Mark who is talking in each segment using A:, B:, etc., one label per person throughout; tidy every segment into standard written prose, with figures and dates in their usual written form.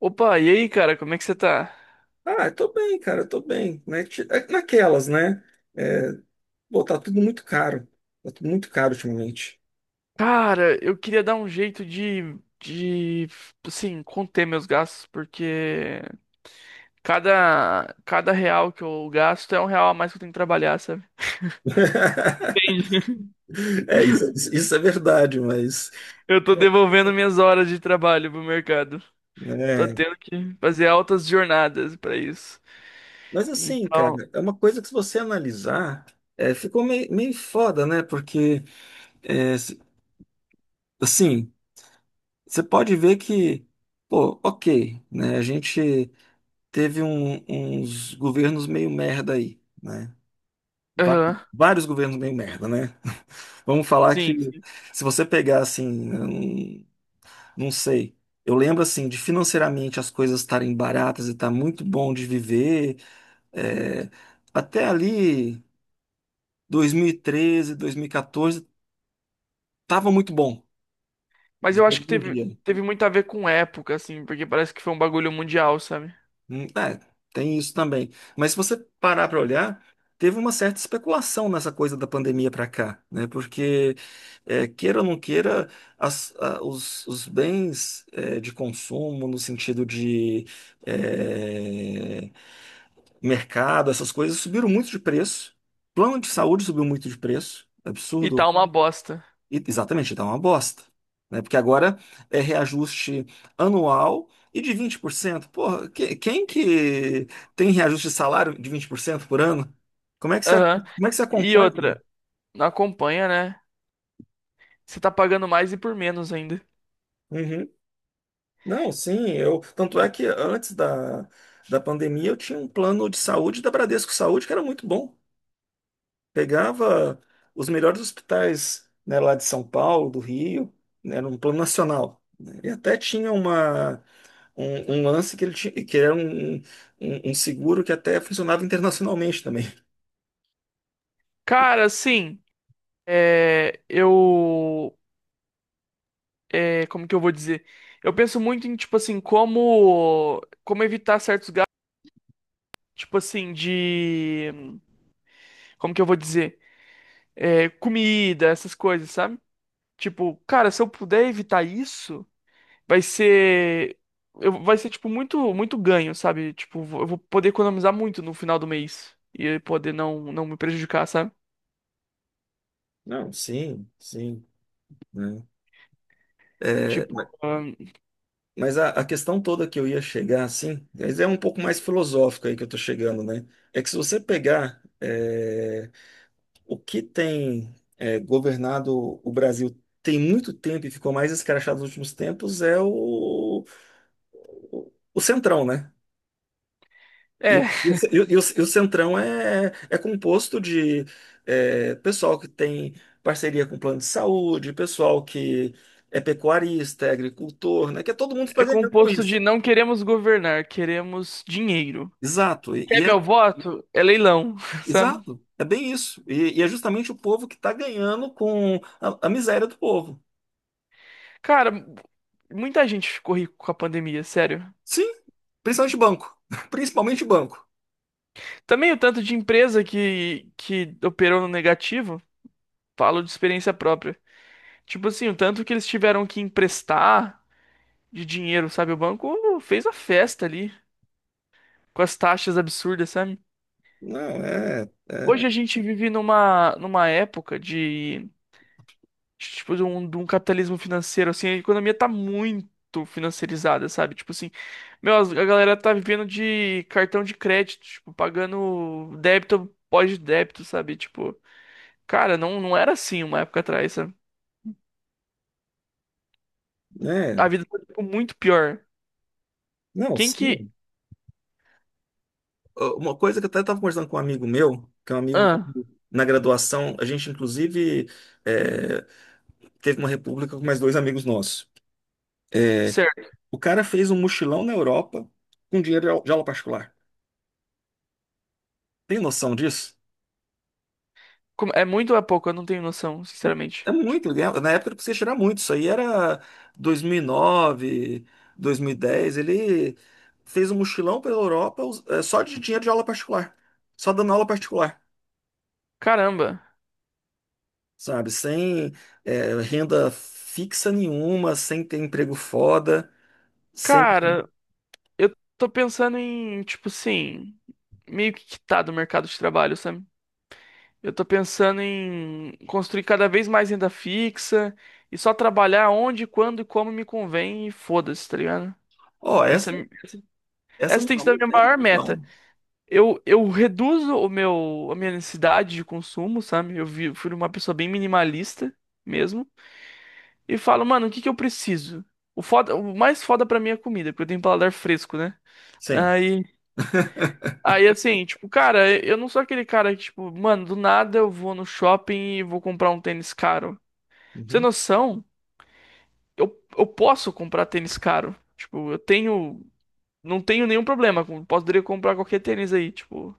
A: Opa, e aí, cara, como é que você tá?
B: Ah, eu tô bem, cara, eu tô bem. Né? Naquelas, né? É, pô, tá tudo muito caro. Tá tudo muito caro ultimamente.
A: Cara, eu queria dar um jeito de, assim, conter meus gastos, porque cada real que eu gasto é um real a mais que eu tenho que trabalhar, sabe? Entendi.
B: É, isso, isso é verdade, mas.
A: Eu tô
B: Bom,
A: devolvendo minhas horas de trabalho pro mercado. Tô
B: né?
A: tendo que fazer altas jornadas pra isso.
B: Mas assim,
A: Então,
B: cara, é uma coisa que, se você analisar, ficou meio foda, né? Porque, é, se- assim, você pode ver que, pô, ok, né? A gente teve uns governos meio merda aí, né? Va-
A: aham,
B: Vários governos meio merda, né? Vamos falar que,
A: sim, sim.
B: se você pegar assim, eu não sei. Eu lembro assim de financeiramente as coisas estarem baratas e tá muito bom de viver. é, Até ali 2013, 2014 tava muito bom,
A: Mas
B: de
A: eu
B: dia
A: acho que
B: em
A: teve,
B: dia.
A: teve muito a ver com época, assim, porque parece que foi um bagulho mundial, sabe?
B: É, tem isso também. Mas, se você parar para olhar, teve uma certa especulação nessa coisa da pandemia para cá, né? Porque, queira ou não queira, os bens, de consumo, no sentido de, é, mercado, essas coisas, subiram muito de preço. Plano de saúde subiu muito de preço.
A: E
B: Absurdo.
A: tá uma bosta.
B: Exatamente, dá uma bosta. Né? Porque agora é reajuste anual e de 20%. Porra, quem que tem reajuste de salário de 20% por cento por ano? Como é que
A: Aham.
B: como é que você
A: E
B: acompanha?
A: outra, não acompanha, né? Você tá pagando mais e por menos ainda.
B: Uhum. Não, sim, eu. Tanto é que antes da, pandemia eu tinha um plano de saúde da Bradesco Saúde que era muito bom. Pegava os melhores hospitais, né, lá de São Paulo, do Rio, né, era um plano nacional, né? E até tinha uma. um lance que ele tinha, que era um seguro que até funcionava internacionalmente também.
A: Cara, assim, é, eu, como que eu vou dizer? Eu penso muito em, tipo assim, como evitar certos gastos, tipo assim, de, como que eu vou dizer? É, comida, essas coisas, sabe? Tipo, cara, se eu puder evitar isso vai ser vai ser tipo muito muito ganho, sabe? Tipo, eu vou poder economizar muito no final do mês e poder não me prejudicar, sabe?
B: Não, sim, sim, né? É,
A: Tipo,
B: ma-
A: ahn,
B: mas a questão toda que eu ia chegar, assim, mas é um pouco mais filosófica aí que eu tô chegando, né? É que, se você pegar o que tem governado o Brasil tem muito tempo e ficou mais escrachado nos últimos tempos é o centrão, né?
A: é,
B: O ce- e o- e o- e o Centrão é composto de pessoal que tem parceria com plano de saúde, pessoal que é pecuarista, é agricultor, né? Que é todo mundo está
A: é
B: ganhando com
A: composto
B: isso.
A: de não queremos governar, queremos dinheiro.
B: Exato. E,
A: Quer
B: e é
A: meu voto? É leilão, sabe?
B: exato, é bem isso. E é justamente o povo que está ganhando com a miséria do povo.
A: Cara, muita gente ficou rico com a pandemia, sério.
B: Sim, principalmente banco. Principalmente banco.
A: Também o tanto de empresa que operou no negativo, falo de experiência própria. Tipo assim, o tanto que eles tiveram que emprestar de dinheiro, sabe? O banco fez a festa ali com as taxas absurdas, sabe?
B: Não, é,
A: Hoje a gente vive numa época de, tipo, de um capitalismo financeiro, assim, a economia tá muito financiarizada, sabe? Tipo assim, meu, a galera tá vivendo de cartão de crédito, tipo, pagando débito pós-débito, sabe? Tipo, cara, não era assim uma época atrás, sabe?
B: é,
A: A vida tá, tipo, muito pior.
B: não,
A: Quem que...
B: sim. Ah, uma coisa que eu até estava conversando com um amigo meu, que é um amigo
A: Ah,
B: que, na graduação, a gente inclusive é, teve uma república com mais dois amigos nossos. É,
A: certo.
B: o cara fez um mochilão na Europa com dinheiro de de aula particular. Tem noção disso?
A: Como- É muito ou é pouco? Eu não tenho noção, sinceramente.
B: É
A: Tipo,
B: muito, né? Na época ele precisava tirar muito. Isso aí era 2009, 2010. Ele fez um mochilão pela Europa só de dinheiro de aula particular, só dando aula particular,
A: caramba.
B: sabe? Sem renda fixa nenhuma, sem ter emprego foda, sem.
A: Cara, eu tô pensando em, tipo assim, meio que quitar do mercado de trabalho, sabe? Eu tô pensando em construir cada vez mais renda fixa e só trabalhar onde, quando e como me convém e foda-se, tá ligado?
B: Ó,
A: Essa,
B: essa,
A: essa
B: essa
A: essa
B: não
A: tem
B: é
A: sido
B: uma
A: a minha
B: ideia,
A: maior meta.
B: não.
A: Eu reduzo a minha necessidade de consumo, sabe? Fui uma pessoa bem minimalista mesmo. E falo, mano, o que que eu preciso? O foda, o mais foda pra mim é comida, porque eu tenho um paladar fresco, né?
B: Sim.
A: Aí Aí assim, tipo, cara, eu não sou aquele cara que, tipo, mano, do nada eu vou no shopping e vou comprar um tênis caro. Pra você ter
B: Uhum.
A: noção, eu posso comprar tênis caro. Tipo, eu tenho. Não tenho nenhum problema. Poderia comprar qualquer tênis aí, tipo.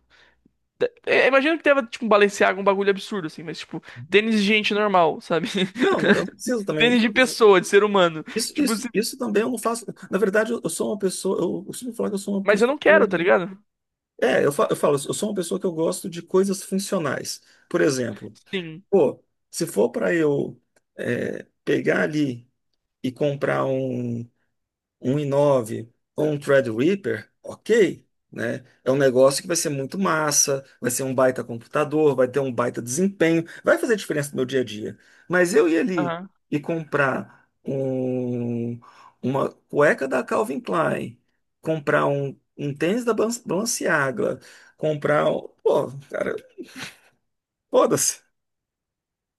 A: Imagino que tava, tipo, um Balenciaga, um bagulho absurdo, assim, mas, tipo,
B: Uhum.
A: tênis de gente normal, sabe?
B: Não, não, eu não preciso também.
A: Tênis de pessoa, de ser humano.
B: Isso,
A: Tipo
B: isso,
A: assim,
B: isso também eu não faço. Na verdade, eu sou uma pessoa. Eu sempre falo que eu sou uma
A: mas eu não
B: pessoa.
A: quero, tá ligado?
B: É, eu falo, eu sou uma pessoa que eu gosto de coisas funcionais. Por exemplo,
A: Sim.
B: pô, se for para pegar ali e comprar um 1,9 com um Threadripper, ok, né? É um negócio que vai ser muito massa, vai ser um baita computador, vai ter um baita desempenho, vai fazer diferença no meu dia a dia. Mas eu ir ali
A: Aham.
B: e comprar uma cueca da Calvin Klein, comprar um tênis da Balenciaga, comprar. Pô, cara, foda-se.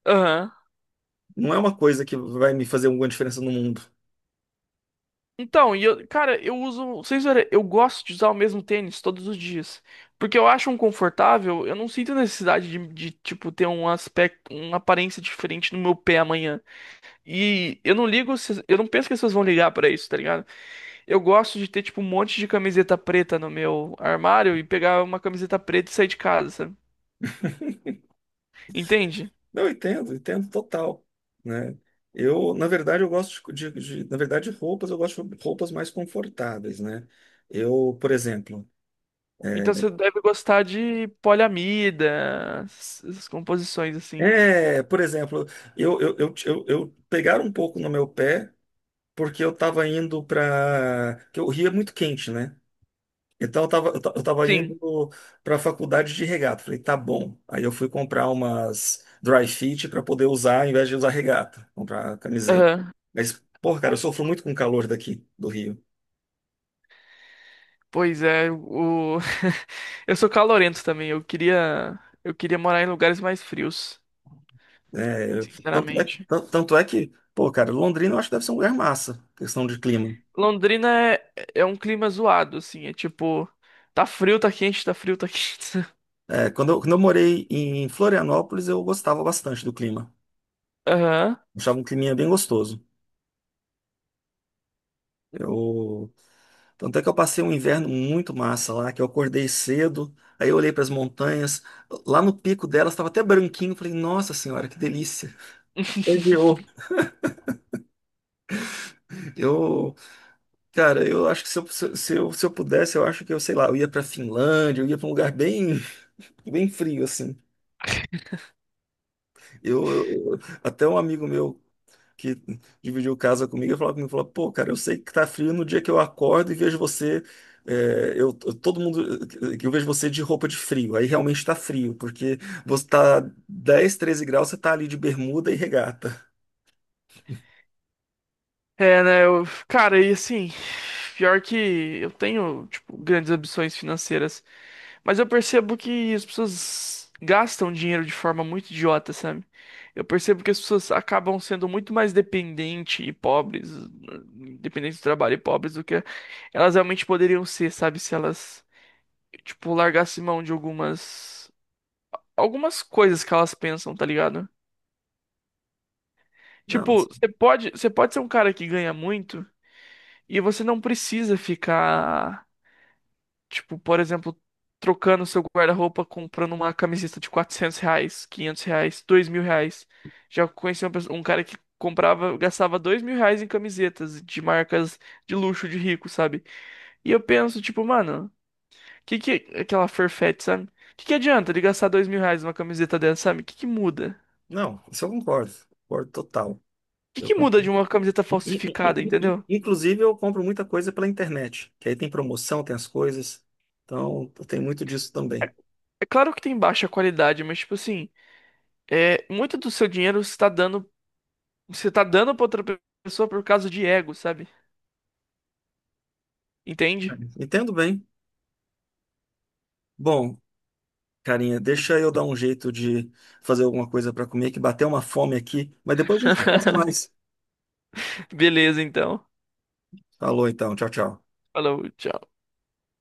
A: Aham.
B: Não é uma coisa que vai me fazer alguma diferença no mundo.
A: Então, e eu, cara, eu uso, vocês verem, eu gosto de usar o mesmo tênis todos os dias, porque eu acho um confortável, eu não sinto necessidade tipo ter um aspecto, uma aparência diferente no meu pé amanhã. E eu não ligo, eu não penso que as pessoas vão ligar pra isso, tá ligado? Eu gosto de ter tipo um monte de camiseta preta no meu armário e pegar uma camiseta preta e sair de casa, sabe? Entende?
B: Não, eu entendo, entendo total, né? Eu, na verdade, eu gosto na verdade, de roupas, eu gosto de roupas mais confortáveis, né? Eu, por exemplo,
A: Então você deve gostar de poliamida, essas composições assim.
B: é, é, por exemplo, eu pegaram um pouco no meu pé porque eu tava indo para, que o Rio é muito quente, né? Então eu tava indo
A: Sim.
B: para a faculdade de regata. Falei, tá bom. Aí eu fui comprar umas dry fit para poder usar, ao invés de usar regata, comprar camiseta. Mas, pô, cara, eu sofro muito com o calor daqui do Rio,
A: Pois é, o eu sou calorento também. Eu queria morar em lugares mais frios,
B: né?
A: sinceramente.
B: Tanto é que, pô, cara, Londrina eu acho que deve ser um lugar massa, questão de clima.
A: Londrina é, é um clima zoado, assim, é tipo, tá frio, tá quente, tá frio, tá quente.
B: É, quando eu morei em Florianópolis, eu gostava bastante do clima.
A: Aham.
B: Achava um climinha bem gostoso. Eu Tanto é que eu passei um inverno muito massa lá, que eu acordei cedo, aí eu olhei para as montanhas, lá no pico delas estava até branquinho, falei, nossa senhora, que delícia. Legiou. Eu, cara, eu acho que se eu pudesse, eu acho que eu, sei lá, eu ia para Finlândia, eu ia para um lugar bem, bem frio, assim. Até um amigo meu que dividiu casa comigo, e falou comigo, falou, pô, cara, eu sei que tá frio no dia que eu acordo e vejo você, todo mundo, que eu vejo você de roupa de frio, aí realmente tá frio, porque você tá 10, 13 graus, você tá ali de bermuda e regata.
A: É, né, cara, e assim, pior que eu tenho, tipo, grandes ambições financeiras. Mas eu percebo que as pessoas gastam dinheiro de forma muito idiota, sabe? Eu percebo que as pessoas acabam sendo muito mais dependentes e pobres, dependentes do trabalho e pobres do que elas realmente poderiam ser, sabe? Se elas, tipo, largassem mão de algumas coisas que elas pensam, tá ligado?
B: Não,
A: Tipo, você pode ser um cara que ganha muito e você não precisa ficar. Tipo, por exemplo, trocando seu guarda-roupa, comprando uma camiseta de R$ 400, R$ 500, R$ 2.000. Já conheci uma pessoa- um cara que comprava, gastava R$ 2.000 em camisetas de marcas de luxo, de rico, sabe? E eu penso, tipo, mano, que aquela Farfetch, sabe? Que adianta ele gastar R$ 2.000 numa camiseta dessa, sabe? Que muda?
B: não, isso eu concordo, concordo total. Eu
A: Que
B: também.
A: muda de uma camiseta falsificada, entendeu?
B: Inclusive, eu compro muita coisa pela internet, que aí tem promoção, tem as coisas, então tem muito disso também.
A: É claro que tem baixa qualidade, mas, tipo assim, é, muito do seu dinheiro está dando. Você tá dando pra outra pessoa por causa de ego, sabe? Entende?
B: Entendo bem. Bom, carinha, deixa eu dar um jeito de fazer alguma coisa para comer, que bateu uma fome aqui, mas depois a gente conversa mais.
A: Beleza, então.
B: Falou então, tchau, tchau.
A: Falou, tchau.